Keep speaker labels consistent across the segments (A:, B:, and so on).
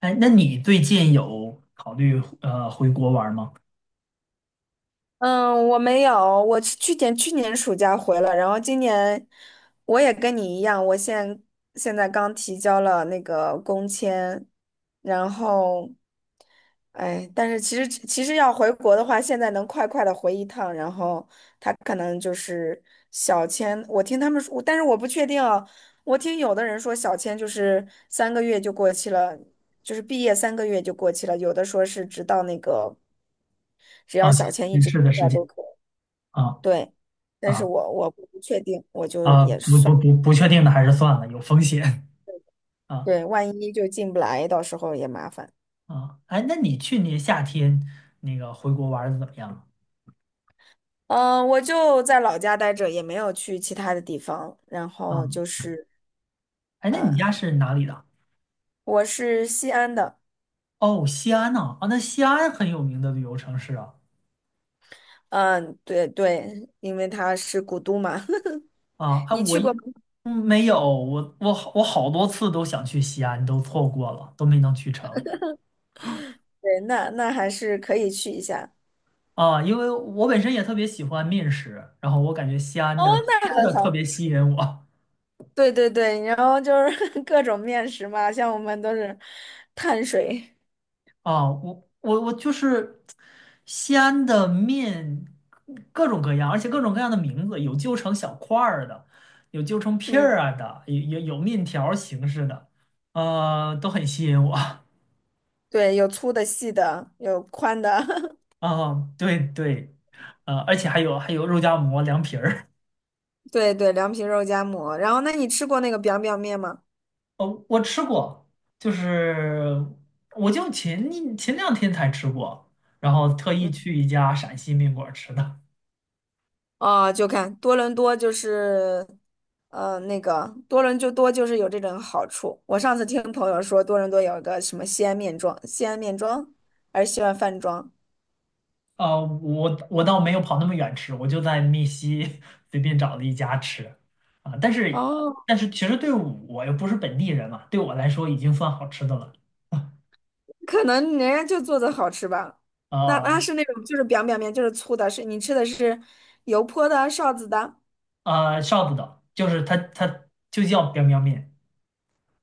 A: 哎，那你最近有考虑回国玩吗？
B: 嗯，我没有，我是去年暑假回了，然后今年我也跟你一样，现在刚提交了那个工签，然后，哎，但是其实要回国的话，现在能快快的回一趟，然后他可能就是小签，我听他们说，但是我不确定啊，我听有的人说小签就是三个月就过期了，就是毕业三个月就过期了，有的说是直到那个只
A: 啊，
B: 要小签一
A: 新
B: 直。
A: 式的事
B: 要都
A: 情
B: 可以。
A: 啊
B: 对，但是
A: 啊
B: 我不确定，我就
A: 啊，
B: 也
A: 不
B: 算，
A: 不不不确定的还是算了，有风险啊
B: 对，万一就进不来，到时候也麻烦。
A: 啊。哎，那你去年夏天那个回国玩的怎么样了
B: 嗯，我就在老家待着，也没有去其他的地方。然
A: 啊。
B: 后就是
A: 哎，那你家是哪里的？
B: 我是西安的，
A: 哦，西安呢？啊，那西安很有名的旅游城市啊。
B: 嗯，对对，因为它是古都嘛。
A: 啊，哎，
B: 你去过吗？
A: 嗯，没有，我好多次都想去西安，都错过了，都没能去成。
B: 对，那那还是可以去一下。
A: 啊，因为我本身也特别喜欢面食，然后我感觉西安
B: 哦，
A: 的吃
B: 那很
A: 的特
B: 好。
A: 别吸引我。
B: 对对对，然后就是 各种面食嘛，像我们都是碳水，
A: 啊，我就是西安的面，各种各样，而且各种各样的名字，有揪成小块儿的，有揪成片
B: 嗯，
A: 儿啊的，有面条儿形式的，都很吸引我。
B: 对，有粗的、细的，有宽的。
A: 啊，对对，而且还有肉夹馍、凉皮儿。
B: 对对，凉皮肉夹馍。然后，那你吃过那个 biang biang 面吗？
A: 哦，我吃过，就是我就前两天才吃过，然后特意
B: 嗯，
A: 去一家陕西面馆儿吃的。
B: 哦，就看多伦多就是，那个多伦多就是有这种好处。我上次听朋友说，多伦多有一个什么西安面庄，西安面庄还是西安饭庄，
A: 我倒没有跑那么远吃，我就在密西 随便找了一家吃。啊，但是
B: 哦，
A: 其实对我又不是本地人嘛，对我来说已经算好吃的了。
B: 可能人家就做的好吃吧。
A: 啊
B: 那那
A: 啊。
B: 是那种就是 biang biang 面，就是粗的，是你吃的是油泼的、臊子的。
A: 臊子的，就是它就叫 biang biang 面。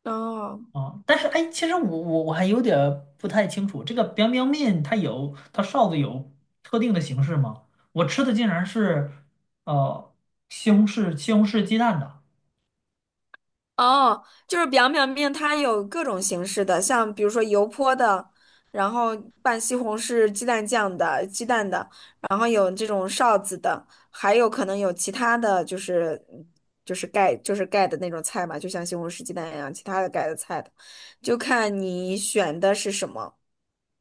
B: 哦。
A: 啊，但是哎，其实我还有点儿不太清楚，这个 biang biang 面它臊子有特定的形式吗？我吃的竟然是呃西红柿鸡蛋的。
B: 哦，就是表面它有各种形式的，像比如说油泼的，然后拌西红柿鸡蛋酱的、鸡蛋的，然后有这种臊子的，还有可能有其他的就是就是盖的那种菜嘛，就像西红柿鸡蛋一样，其他的盖的菜的，就看你选的是什么。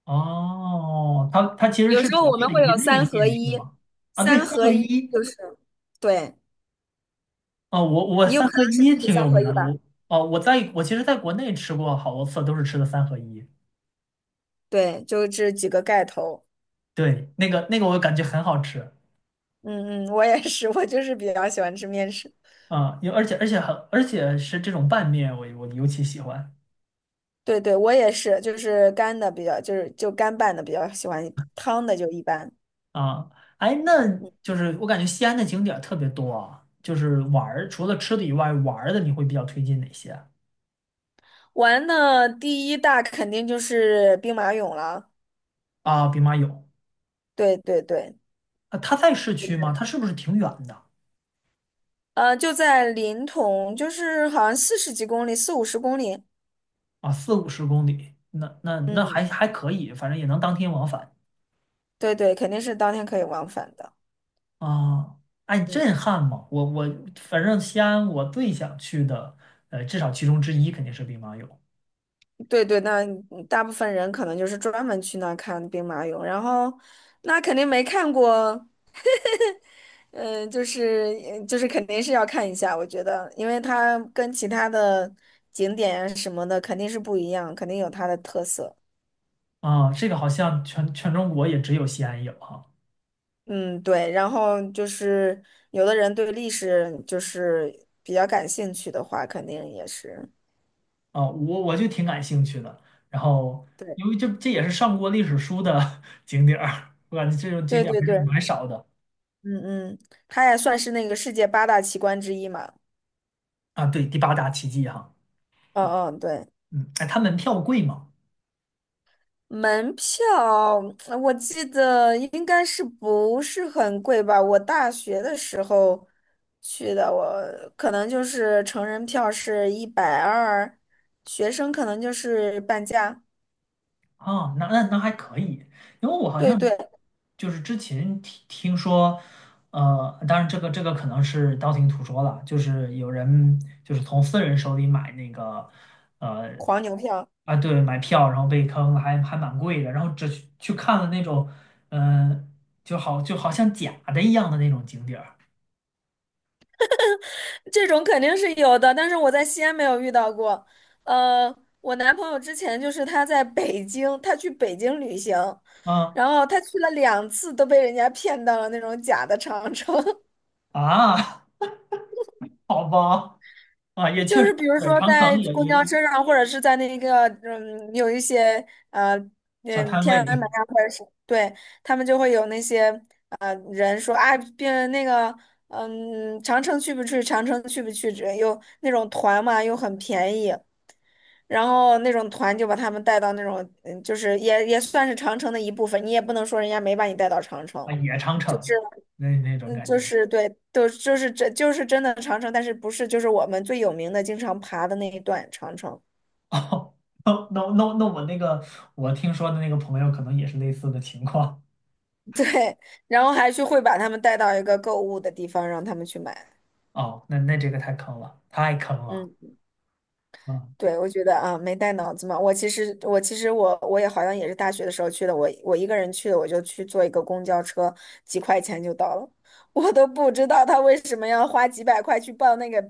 A: 哦，它其实
B: 有
A: 是
B: 时候
A: 指
B: 我
A: 的
B: 们
A: 是
B: 会
A: 一
B: 有三
A: 类
B: 合
A: 面是
B: 一，
A: 吗？啊，对，
B: 三
A: 三
B: 合
A: 合
B: 一
A: 一。
B: 就是，对，
A: 啊，我
B: 你有
A: 三
B: 可
A: 合
B: 能是
A: 一
B: 吃的
A: 挺
B: 三
A: 有
B: 合
A: 名
B: 一
A: 儿的。
B: 吧？
A: 我哦，我其实在国内吃过好多次，都是吃的三合一。
B: 对，就这几个盖头。
A: 对，那个我感觉很好吃。
B: 嗯嗯，我也是，我就是比较喜欢吃面食。
A: 啊，有而且而且很而且是这种拌面，我尤其喜欢。
B: 对对，我也是，就是干的比较，就是就干拌的比较喜欢，汤的就一般。
A: 啊，哎，那就是我感觉西安的景点儿特别多啊，就是玩儿，除了吃的以外，玩儿的你会比较推荐哪些？
B: 玩的第一大肯定就是兵马俑了。
A: 啊？兵马俑。
B: 对对对，
A: 啊，它在市区吗？它是不是挺远的？
B: 就在临潼，就是好像四十几公里，四五十公里。
A: 啊？四五十公里，那
B: 嗯，
A: 还可以，反正也能当天往返。
B: 对对，肯定是当天可以往返的。
A: 啊。哎，
B: 嗯，
A: 震撼嘛！我反正西安我最想去的，至少其中之一肯定是兵马俑。
B: 对对，那大部分人可能就是专门去那儿看兵马俑，然后那肯定没看过。嗯，就是就是肯定是要看一下，我觉得，因为它跟其他的景点啊什么的肯定是不一样，肯定有它的特色。
A: 啊。这个好像全中国也只有西安有哈。
B: 嗯，对。然后就是有的人对历史就是比较感兴趣的话，肯定也是。
A: 啊，我就挺感兴趣的。然后，
B: 对，
A: 因为这也是上过历史书的 景点儿，我感觉这种景
B: 对
A: 点儿
B: 对
A: 还是
B: 对，
A: 蛮少的。
B: 嗯嗯，它也算是那个世界八大奇观之一嘛。
A: 啊。对，第八大奇迹哈。
B: 嗯嗯，对。
A: 嗯，哎，它门票贵吗？
B: 门票，我记得应该是不是很贵吧？我大学的时候去的，我可能就是成人票是一百二，学生可能就是半价。
A: 哦，那还可以，因为我好
B: 对
A: 像
B: 对，
A: 就是之前听说，当然这个可能是道听途说了，就是有人就是从私人手里买那个，呃，
B: 黄牛票
A: 啊，对，买票然后被坑了，还蛮贵的，然后只去看了那种。嗯、就好像假的一样的那种景点儿。
B: 这种肯定是有的，但是我在西安没有遇到过。呃，我男朋友之前就是他在北京，他去北京旅行，
A: 啊
B: 然后他去了两次都被人家骗到了那种假的长城。
A: 啊。好吧。啊，也
B: 就
A: 确
B: 是
A: 实，
B: 比如
A: 对，
B: 说
A: 长
B: 在
A: 城也
B: 公交
A: 也
B: 车上，或者是在那个嗯，有一些呃
A: 小
B: 嗯
A: 摊
B: 天
A: 位
B: 安门啊，或者是对他们就会有那些人说啊，别那个嗯长城去不去？长城去不去？只又那种团嘛，又很便宜，然后那种团就把他们带到那种嗯，就是也也算是长城的一部分，你也不能说人家没把你带到长城，
A: 啊，也长
B: 就是。
A: 城那种
B: 嗯，
A: 感
B: 就
A: 觉。
B: 是对，都就是真的长城，但是不是就是我们最有名的经常爬的那一段长城。
A: 哦，那我听说的那个朋友可能也是类似的情况。
B: 对，然后还去会把他们带到一个购物的地方，让他们去买。
A: 哦，那这个太坑了，太坑了。
B: 嗯，
A: 啊！
B: 对，我觉得啊，没带脑子嘛。我其实也好像也是大学的时候去的，我我一个人去的，我就去坐一个公交车，几块钱就到了，我都不知道他为什么要花几百块去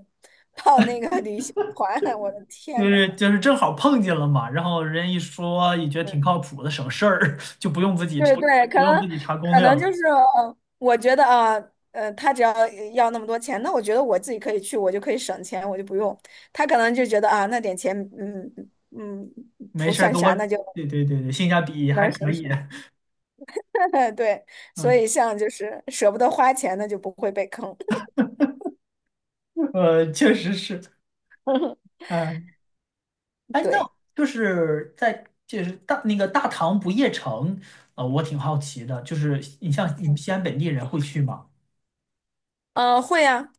B: 报那个旅行团，我的
A: 就
B: 天呐！
A: 是就是正好碰见了嘛，然后人一说也觉得挺靠
B: 嗯
A: 谱的，省事儿，就不用自己
B: 对对，
A: 不用自己查攻
B: 可
A: 略
B: 能
A: 了。
B: 就是，我觉得啊，他只要要那么多钱，那我觉得我自己可以去，我就可以省钱，我就不用。他可能就觉得啊，那点钱，嗯嗯，
A: 没
B: 不
A: 事儿
B: 算
A: 跟我，
B: 啥，那就
A: 对对对对，性价比还
B: 能
A: 可
B: 省
A: 以。
B: 省。对，所
A: 嗯，
B: 以像就是舍不得花钱，那就不会被坑。
A: 确实是。哎，哎，那
B: 对，
A: 就是在就是大那个大唐不夜城，我挺好奇的，就是像你们西安本地人会去吗？
B: 嗯，会啊，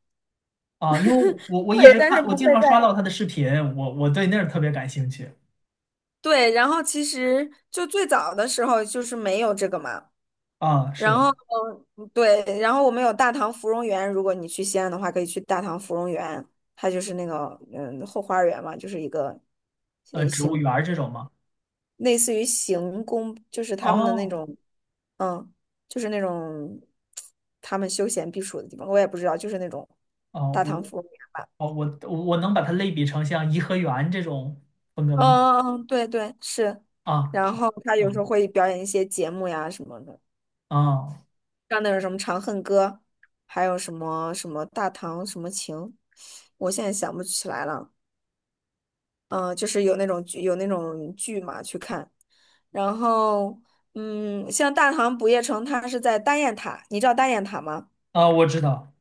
A: 啊，因为我
B: 会，
A: 一直
B: 但是
A: 看，我
B: 不会
A: 经常刷
B: 在。
A: 到他的视频，我对那儿特别感兴趣。
B: 对，然后其实就最早的时候就是没有这个嘛，
A: 啊，是
B: 然
A: 的。
B: 后，嗯对，然后我们有大唐芙蓉园，如果你去西安的话，可以去大唐芙蓉园，它就是那个嗯后花园嘛，就是一个呃
A: 植物
B: 行
A: 园儿这种吗？
B: 类似于行宫，就是他们的那
A: 哦
B: 种，嗯，就是那种他们休闲避暑的地方，我也不知道，就是那种
A: 哦，
B: 大唐
A: 我
B: 芙蓉园吧。
A: 哦我我能把它类比成像颐和园这种风格的吗？
B: 嗯嗯，嗯对对是，
A: 啊，
B: 然
A: 好，
B: 后他有时候
A: 嗯。
B: 会表演一些节目呀什么的。
A: 啊
B: 像那种什么《长恨歌》，还有什么什么《大唐什么情》，我现在想不起来了。嗯、就是有那种剧嘛去看，然后嗯，像《大唐不夜城》，它是在大雁塔，你知道大雁塔吗？
A: 啊，我知道。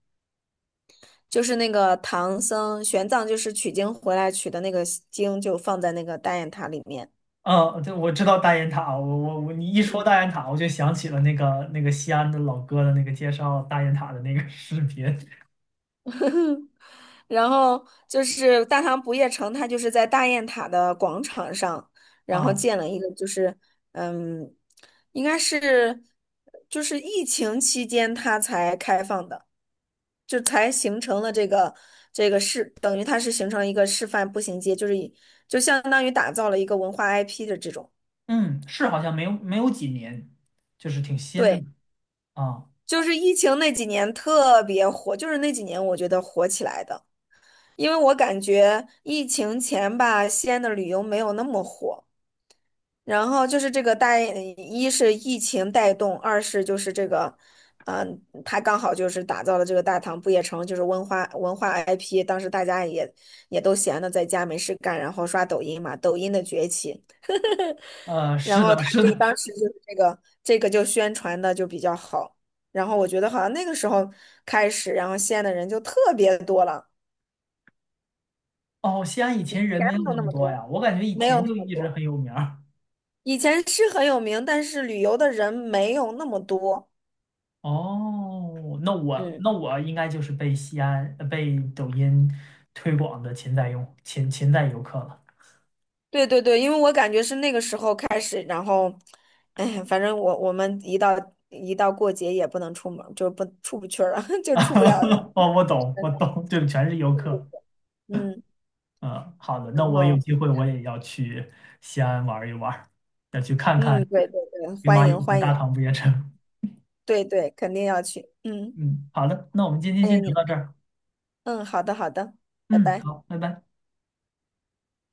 B: 就是那个唐僧玄奘就是取经回来取的那个经，就放在那个大雁塔里面。
A: 啊，对，我知道大雁塔，我我我，你一说大雁塔，我就想起了那个西安的老哥的那个介绍大雁塔的那个 视频。
B: 然后就是大唐不夜城，它就是在大雁塔的广场上，然后
A: 啊，
B: 建了一个，就是嗯，应该是就是疫情期间它才开放的，就才形成了这个这个是等于它是形成了一个示范步行街，就是以就相当于打造了一个文化 IP 的这种，
A: 嗯，是好像没有几年，就是挺新
B: 对，
A: 的。啊。
B: 就是疫情那几年特别火，就是那几年我觉得火起来的。因为我感觉疫情前吧，西安的旅游没有那么火。然后就是这个带，一是疫情带动，二是就是这个，嗯、他刚好就是打造了这个大唐不夜城，就是文化 IP。当时大家也都闲的在家没事干，然后刷抖音嘛，抖音的崛起。然
A: 是
B: 后
A: 的，
B: 他
A: 是
B: 这个
A: 的。
B: 当时就是这个就宣传的就比较好。然后我觉得好像那个时候开始，然后西安的人就特别多了，
A: 哦，西安以
B: 钱
A: 前人没有
B: 没有
A: 那
B: 那
A: 么
B: 么
A: 多
B: 多，
A: 呀，我感觉以
B: 没有
A: 前
B: 那
A: 就
B: 么
A: 一直
B: 多。
A: 很有名儿。
B: 以前是很有名，但是旅游的人没有那么多。
A: 哦，那我
B: 嗯，
A: 那我应该就是被西安被抖音推广的潜在用潜在游客了。
B: 对对对，因为我感觉是那个时候开始，然后，哎，反正我们一到过节也不能出门，就不出不去了，就出不了。
A: 哦，我懂，我懂，就全是游客。
B: 嗯，
A: 嗯，好的，那
B: 然
A: 我有
B: 后
A: 机会我也要去西安玩一玩，要去看看
B: 嗯，对对对，
A: 兵
B: 欢
A: 马俑
B: 迎
A: 和
B: 欢迎，
A: 大唐不夜城。
B: 对对，肯定要去。嗯，
A: 嗯，好的，那我们今天
B: 欢
A: 先
B: 迎你
A: 聊
B: 来
A: 到这儿。
B: 嗯，好的好的，拜
A: 嗯，
B: 拜。
A: 好，拜拜。